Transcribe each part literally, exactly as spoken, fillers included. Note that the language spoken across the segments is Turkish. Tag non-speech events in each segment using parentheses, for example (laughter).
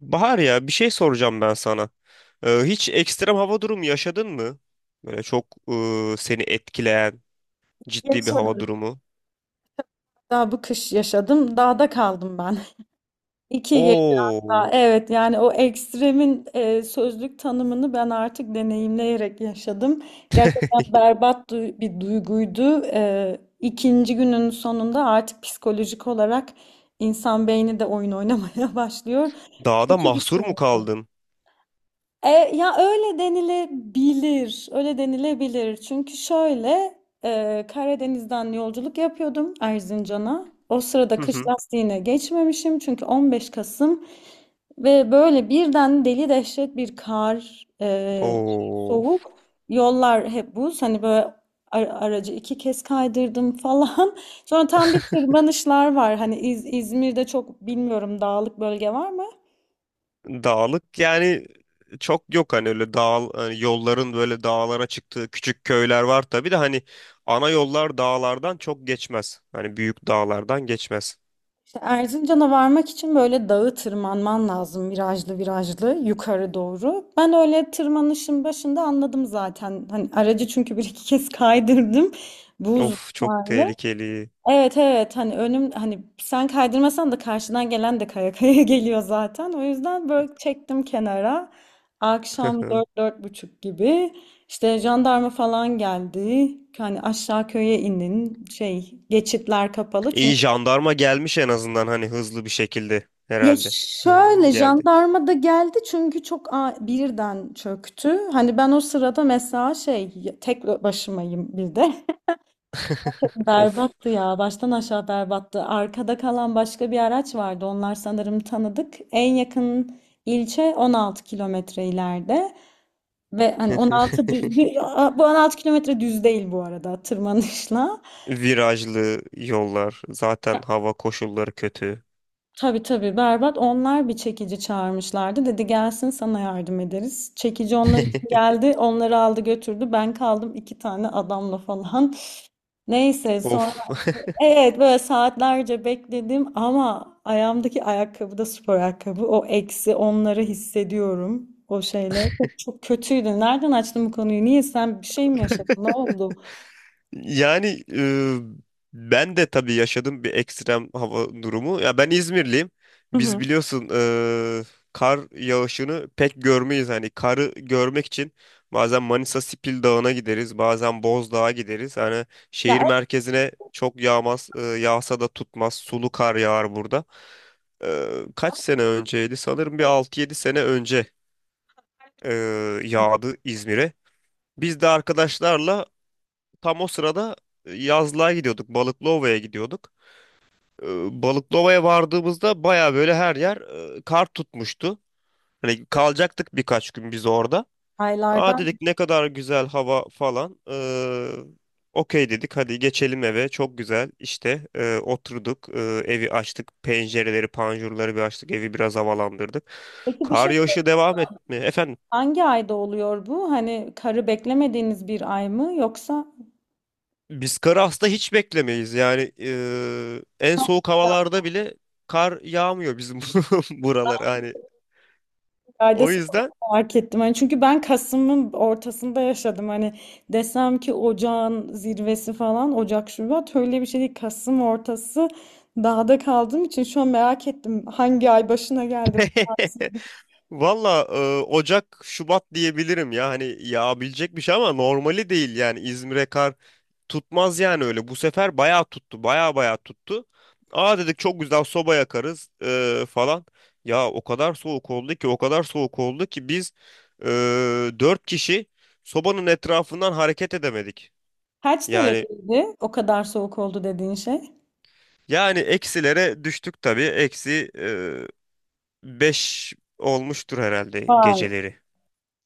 Bahar ya bir şey soracağım ben sana. Ee, hiç ekstrem hava durumu yaşadın mı? Böyle çok e, seni etkileyen ciddi bir hava Yaşadım. durumu. Daha bu kış yaşadım. Dağda kaldım ben. (laughs) iki gece Oo, daha. Evet yani o ekstremin e, sözlük tanımını ben artık deneyimleyerek yaşadım. Gerçekten berbat du- bir duyguydu. E, ikinci günün sonunda artık psikolojik olarak insan beyni de oyun oynamaya (laughs) başlıyor. dağda Kötü bir mahsur şey. mu kaldın? E, Ya öyle denilebilir, öyle denilebilir. Çünkü şöyle e, Karadeniz'den yolculuk yapıyordum Erzincan'a. O sırada Hı kış hı. lastiğine geçmemişim çünkü 15 Kasım ve böyle birden deli dehşet bir kar, e, Oo, soğuk, yollar hep buz. Hani böyle ar- aracı iki kez kaydırdım falan. (laughs) Sonra tam bir tırmanışlar var. Hani İz- İzmir'de çok bilmiyorum dağlık bölge var mı? dağlık yani çok yok, hani öyle dağ, hani yolların böyle dağlara çıktığı küçük köyler var tabii de hani ana yollar dağlardan çok geçmez. Hani büyük dağlardan geçmez. İşte Erzincan'a varmak için böyle dağı tırmanman lazım virajlı virajlı yukarı doğru. Ben öyle tırmanışın başında anladım zaten. Hani aracı çünkü bir iki kez kaydırdım. Buz Of, çok varlı. tehlikeli. Evet evet, hani önüm, hani sen kaydırmasan da karşıdan gelen de kaya kaya (laughs) geliyor zaten. O yüzden böyle çektim kenara. Akşam (laughs) dört dört buçuk gibi işte jandarma falan geldi. Hani aşağı köye inin, şey, geçitler kapalı. İyi, jandarma gelmiş en azından, hani hızlı bir şekilde Ya, herhalde. Hızlı şöyle geldi. jandarma da geldi çünkü çok a- birden çöktü. Hani ben o sırada mesela şey, tek başımayım bir de. (laughs) (laughs) Of. Berbattı ya, baştan aşağı berbattı. Arkada kalan başka bir araç vardı. Onlar sanırım tanıdık. En yakın ilçe 16 kilometre ileride. Ve hani on altı düz, (laughs) bu 16 kilometre düz değil bu arada, tırmanışla. Virajlı yollar. Zaten hava koşulları kötü. Tabii tabii, berbat. Onlar bir çekici çağırmışlardı. Dedi gelsin sana yardım ederiz. Çekici onlar için geldi. Onları aldı götürdü. Ben kaldım iki tane adamla falan. Neyse sonra, Of. evet, böyle saatlerce bekledim ama ayağımdaki ayakkabı da spor ayakkabı. O eksi onları hissediyorum. O şeyle. Çok, çok kötüydü. Nereden açtın bu konuyu? Niye, sen bir şey mi yaşadın? Ne oldu? Yani e, ben de tabii yaşadım bir ekstrem hava durumu. Ya ben İzmirliyim. Hı Biz hı. biliyorsun e, kar yağışını pek görmeyiz. Hani karı görmek için bazen Manisa Sipil Dağı'na gideriz, bazen Bozdağ'a gideriz. Hani Ya, şehir merkezine çok yağmaz, e, yağsa da tutmaz. Sulu kar yağar burada. E, Kaç sene önceydi? Sanırım bir altı yedi sene önce e, yağdı İzmir'e. Biz de arkadaşlarla. Tam o sırada e, yazlığa gidiyorduk. Balıklıova'ya gidiyorduk. Ee, Balıklıova'ya vardığımızda baya böyle her yer e, kar tutmuştu. Hani kalacaktık birkaç gün biz orada. Aa, aylardan. dedik ne kadar güzel hava falan. Ee, okey, dedik hadi geçelim eve. Çok güzel işte, e, oturduk. E, evi açtık. Pencereleri, panjurları bir açtık. Evi biraz havalandırdık. Peki bir Kar şey söyleyeyim. yağışı devam etmiyor. Efendim? Hangi ayda oluyor bu? Hani karı beklemediğiniz bir ay mı, yoksa Biz karı aslında hiç beklemeyiz. Yani eee, en soğuk havalarda bile kar yağmıyor bizim (laughs) buralar hani. bir ayda O sıkıntı yüzden fark ettim. Hani çünkü ben Kasım'ın ortasında yaşadım. Hani desem ki ocağın zirvesi falan, Ocak Şubat, öyle bir şey değil. Kasım ortası dağda kaldığım için şu an merak ettim hangi ay başına geldi bu tatsız. (laughs) valla eee, Ocak, Şubat diyebilirim ya. Hani yağabilecek bir şey ama normali değil yani. İzmir'e kar tutmaz yani öyle. Bu sefer bayağı tuttu. Bayağı bayağı tuttu. Aa, dedik çok güzel, soba yakarız eee, falan. Ya o kadar soğuk oldu ki, o kadar soğuk oldu ki biz eee dört kişi sobanın etrafından hareket edemedik. Kaç Yani dereceydi o kadar soğuk oldu dediğin şey? yani eksilere düştük tabii. Eksi e, beş olmuştur herhalde Vay, geceleri.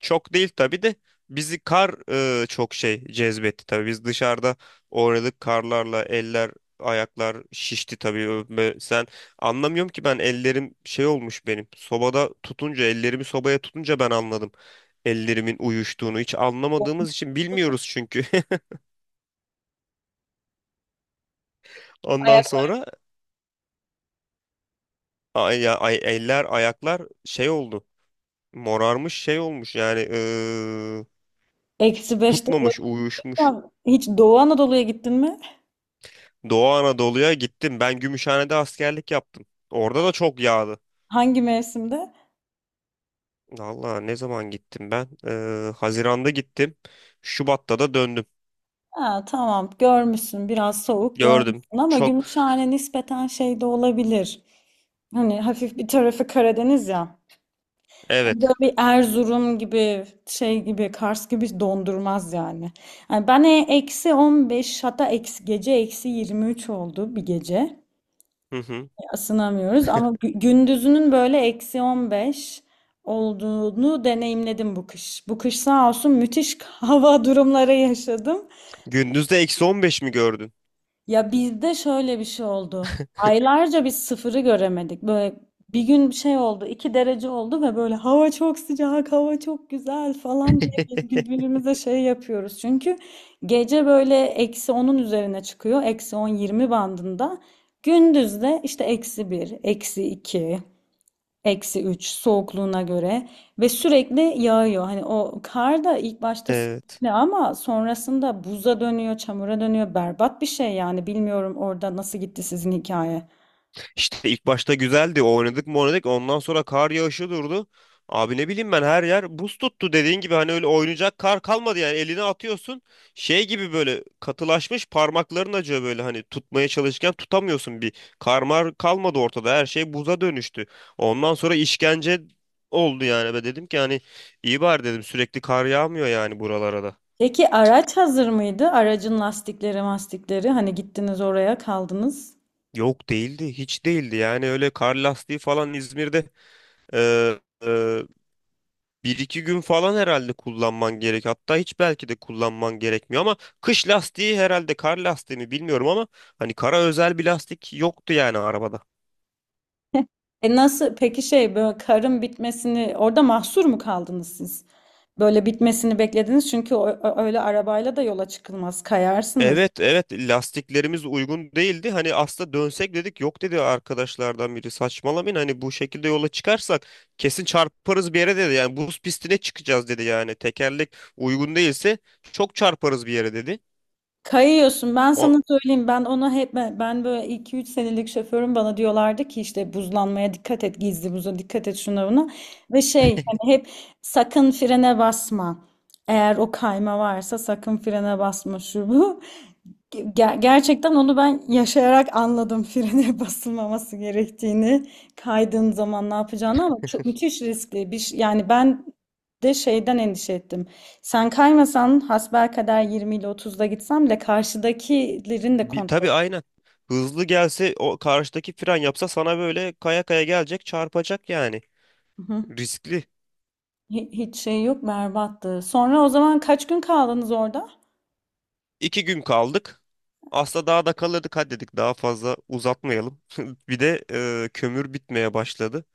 Çok değil tabii de bizi kar e, çok şey cezbetti tabii. Biz dışarıda oynadık karlarla, eller ayaklar şişti tabii. Ö- Ve sen, anlamıyorum ki, ben ellerim şey olmuş benim. Sobada tutunca, ellerimi sobaya tutunca ben anladım. Ellerimin uyuştuğunu hiç anlamadığımız için, bilmiyoruz çünkü. (laughs) Ondan ayak sonra ay, ya- ay, eller ayaklar şey oldu. Morarmış, şey olmuş yani eee, eksi beşte tutmamış, uyuşmuş. duruyorsan, hiç Doğu Anadolu'ya gittin mi? Doğu Anadolu'ya gittim. Ben Gümüşhane'de askerlik yaptım. Orada da çok yağdı. Hangi mevsimde? Valla, ne zaman gittim ben? Eee, Haziran'da gittim. Şubat'ta da döndüm. Ha, tamam, görmüşsün biraz, soğuk Gördüm. görmüşsün ama Çok, Gümüşhane nispeten şey de olabilir. Hani hafif bir tarafı Karadeniz ya. Böyle evet. bir Erzurum gibi, şey gibi, Kars gibi dondurmaz yani. Yani ben e- eksi on beş, hatta eksi gece eksi yirmi üç oldu bir gece. Hı hı. Isınamıyoruz ama gü- gündüzünün böyle eksi on beş olduğunu deneyimledim bu kış. Bu kış sağ olsun müthiş (laughs) hava durumları yaşadım. Gündüzde eksi on beş mi gördün? Ya bizde şöyle bir şey oldu. Aylarca biz sıfırı göremedik. Böyle bir gün bir şey oldu, iki derece oldu ve böyle hava çok sıcak, hava çok güzel falan diye (laughs) birbirimize şey yapıyoruz. Çünkü gece böyle eksi onun üzerine çıkıyor, eksi on yirmi bandında. Gündüz de işte eksi bir, eksi iki. Eksi üç soğukluğuna göre ve sürekli yağıyor. Hani o kar da ilk başta Evet. ne, ama sonrasında buza dönüyor, çamura dönüyor. Berbat bir şey yani. Bilmiyorum orada nasıl gitti sizin hikaye. İşte ilk başta güzeldi. Oynadık mı oynadık. Ondan sonra kar yağışı durdu. Abi, ne bileyim ben, her yer buz tuttu, dediğin gibi hani öyle oynayacak kar kalmadı yani, eline atıyorsun şey gibi, böyle katılaşmış, parmakların acıyor, böyle hani tutmaya çalışırken tutamıyorsun, bir karmar kalmadı ortada, her şey buza dönüştü, ondan sonra işkence oldu yani. Ben dedim ki hani, iyi bari, dedim, sürekli kar yağmıyor yani buralara da. Peki araç hazır mıydı? Aracın lastikleri, mastikleri. Hani gittiniz oraya kaldınız. Yok, değildi, hiç değildi yani, öyle kar lastiği falan İzmir'de. e, e, Bir iki gün falan herhalde kullanman gerek. Hatta hiç, belki de kullanman gerekmiyor, ama kış lastiği herhalde, kar lastiği mi, bilmiyorum ama hani kara özel bir lastik yoktu yani arabada. (laughs) E nasıl? Peki şey, böyle karın bitmesini, orada mahsur mu kaldınız siz? Böyle bitmesini beklediniz çünkü o- o- öyle arabayla da yola çıkılmaz. Kayarsınız. Evet, evet, lastiklerimiz uygun değildi. Hani aslında dönsek, dedik yok, dedi arkadaşlardan biri, saçmalamayın, hani bu şekilde yola çıkarsak kesin çarparız bir yere, dedi. Yani buz pistine çıkacağız, dedi, yani tekerlek uygun değilse çok çarparız bir yere, dedi. Kayıyorsun. Ben O- sana söyleyeyim. Ben ona hep, ben ben böyle iki üç senelik şoförüm, bana diyorlardı ki işte buzlanmaya dikkat et, gizli buza dikkat et, şuna buna. Ve şey, hani hep sakın frene basma. Eğer o kayma varsa sakın frene basma, şu bu. Ger- gerçekten onu ben yaşayarak anladım (laughs) frene basılmaması gerektiğini, kaydığın zaman ne yapacağını, ama çok müthiş riskli. Bir, ş- yani ben de şeyden endişe ettim. Sen kaymasan hasbelkader yirmi ile otuzda gitsem bile, karşıdakilerin de Bir, kontrol. tabii, aynen. Hızlı gelse, o karşıdaki fren yapsa, sana böyle kaya kaya gelecek, çarpacak yani. Hı hı. Riskli. Hi- Hiç şey yok, berbattı. Sonra, o zaman kaç gün kaldınız orada? İki gün kaldık. Aslında daha da kalırdık, hadi dedik, daha fazla uzatmayalım. (laughs) Bir de e, kömür bitmeye başladı.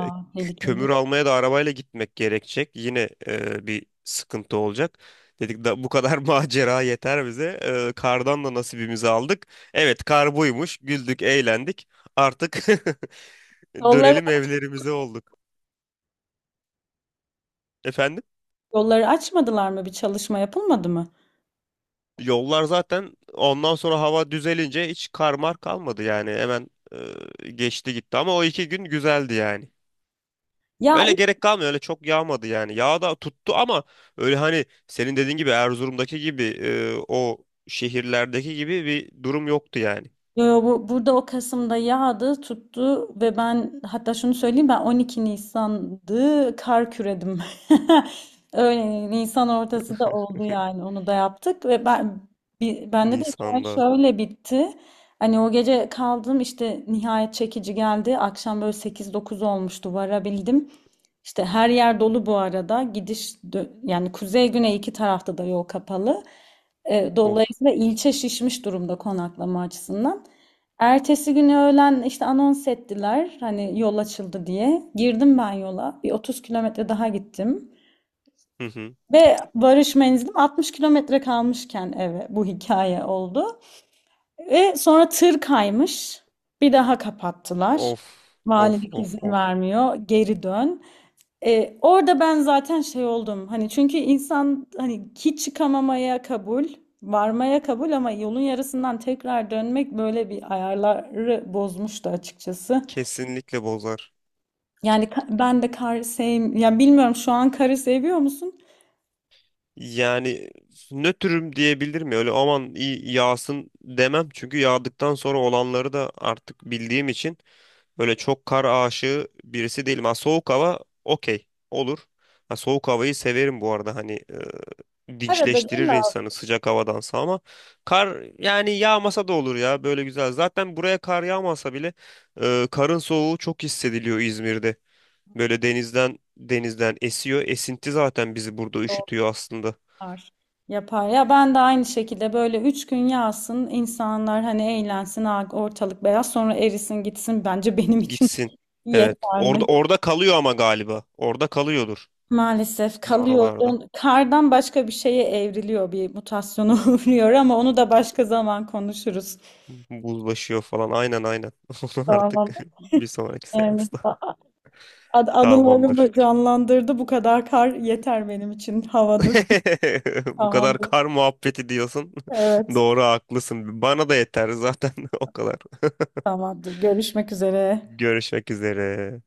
E, k- tehlikeli. Kömür almaya da arabayla gitmek gerekecek. Yine e, bir sıkıntı olacak. Dedik da bu kadar (laughs) macera yeter bize. E, kardan da nasibimizi aldık. Evet, kar buymuş. Güldük, eğlendik. Artık (laughs) Yolları, dönelim evlerimize, olduk. Efendim? yolları açmadılar mı? Bir çalışma yapılmadı mı? Yollar zaten ondan sonra hava düzelince hiç karmar kalmadı yani, hemen e, geçti gitti, ama o iki gün güzeldi yani. Ya, Öyle gerek kalmıyor, öyle çok yağmadı yani. Yağ da tuttu ama öyle hani senin dediğin gibi Erzurum'daki gibi e, o şehirlerdeki gibi bir durum yoktu yani. yo, yo, bu, burada o Kasım'da yağdı, tuttu ve ben hatta şunu söyleyeyim, ben on iki Nisan Nisan'dı kar küredim. (laughs) Öyle Nisan ortası da (laughs) oldu yani, onu da yaptık. Ve ben, bi- bende de hikaye Nisan'da. şöyle bitti. Hani o gece kaldım, işte nihayet çekici geldi. Akşam böyle sekiz dokuz olmuştu varabildim. İşte her yer dolu bu arada. Gidiş dö- yani kuzey güney iki tarafta da yol kapalı. E, Of. dolayısıyla ilçe şişmiş durumda konaklama açısından. Ertesi günü öğlen işte anons ettiler hani yol açıldı diye. Girdim ben yola. Bir 30 kilometre daha gittim. Hı hı. Ve varış menzilim 60 kilometre kalmışken eve bu hikaye oldu. Ve sonra tır kaymış. Bir daha kapattılar. Of, of, Valilik of, izin of. vermiyor. Geri dön. E, orada ben zaten şey oldum. Hani çünkü insan hani hiç çıkamamaya kabul, varmaya kabul, ama yolun yarısından tekrar dönmek böyle bir ayarları bozmuştu açıkçası. Kesinlikle bozar. Yani ka- ben de karı sevim, ya bilmiyorum, şu an karı seviyor musun? Yani nötrüm diyebilir mi? Öyle aman, iyi yağsın, demem. Çünkü yağdıktan sonra olanları da artık bildiğim için, böyle çok kar aşığı birisi değilim. Ha, soğuk hava okey olur. Ha, soğuk havayı severim bu arada, hani e, Arada değil dinçleştirir mi abi, insanı sıcak havadansa, ama kar yani yağmasa da olur ya, böyle güzel. Zaten buraya kar yağmasa bile, e, karın soğuğu çok hissediliyor İzmir'de. Böyle denizden, denizden esiyor. Esinti zaten bizi burada üşütüyor aslında. onlar yapar. Ya ben de aynı şekilde, böyle üç gün yağsın, insanlar hani eğlensin, ha, ortalık beyaz, sonra erisin gitsin, bence benim için Gitsin. (laughs) Evet. Orada, yeterli. orada kalıyor ama galiba. Orada kalıyordur. Maalesef Sizin kalıyor. oralarda. Don- Kardan başka bir şeye evriliyor, bir mutasyona (laughs) uğruyor, ama onu da başka zaman konuşuruz. Buzlaşıyor falan. Aynen, aynen. (laughs) Onu artık Tamam. (laughs) bir sonraki Yani seansta. a- a- anılarımı Tamamdır. canlandırdı. Bu kadar kar yeter benim için. Havadır. (laughs) Bu kadar Tamamdır. kar muhabbeti diyorsun. (laughs) Evet. Doğru, haklısın. Bana da yeter zaten (laughs) o kadar. Tamamdır. Görüşmek üzere. Görüşmek üzere.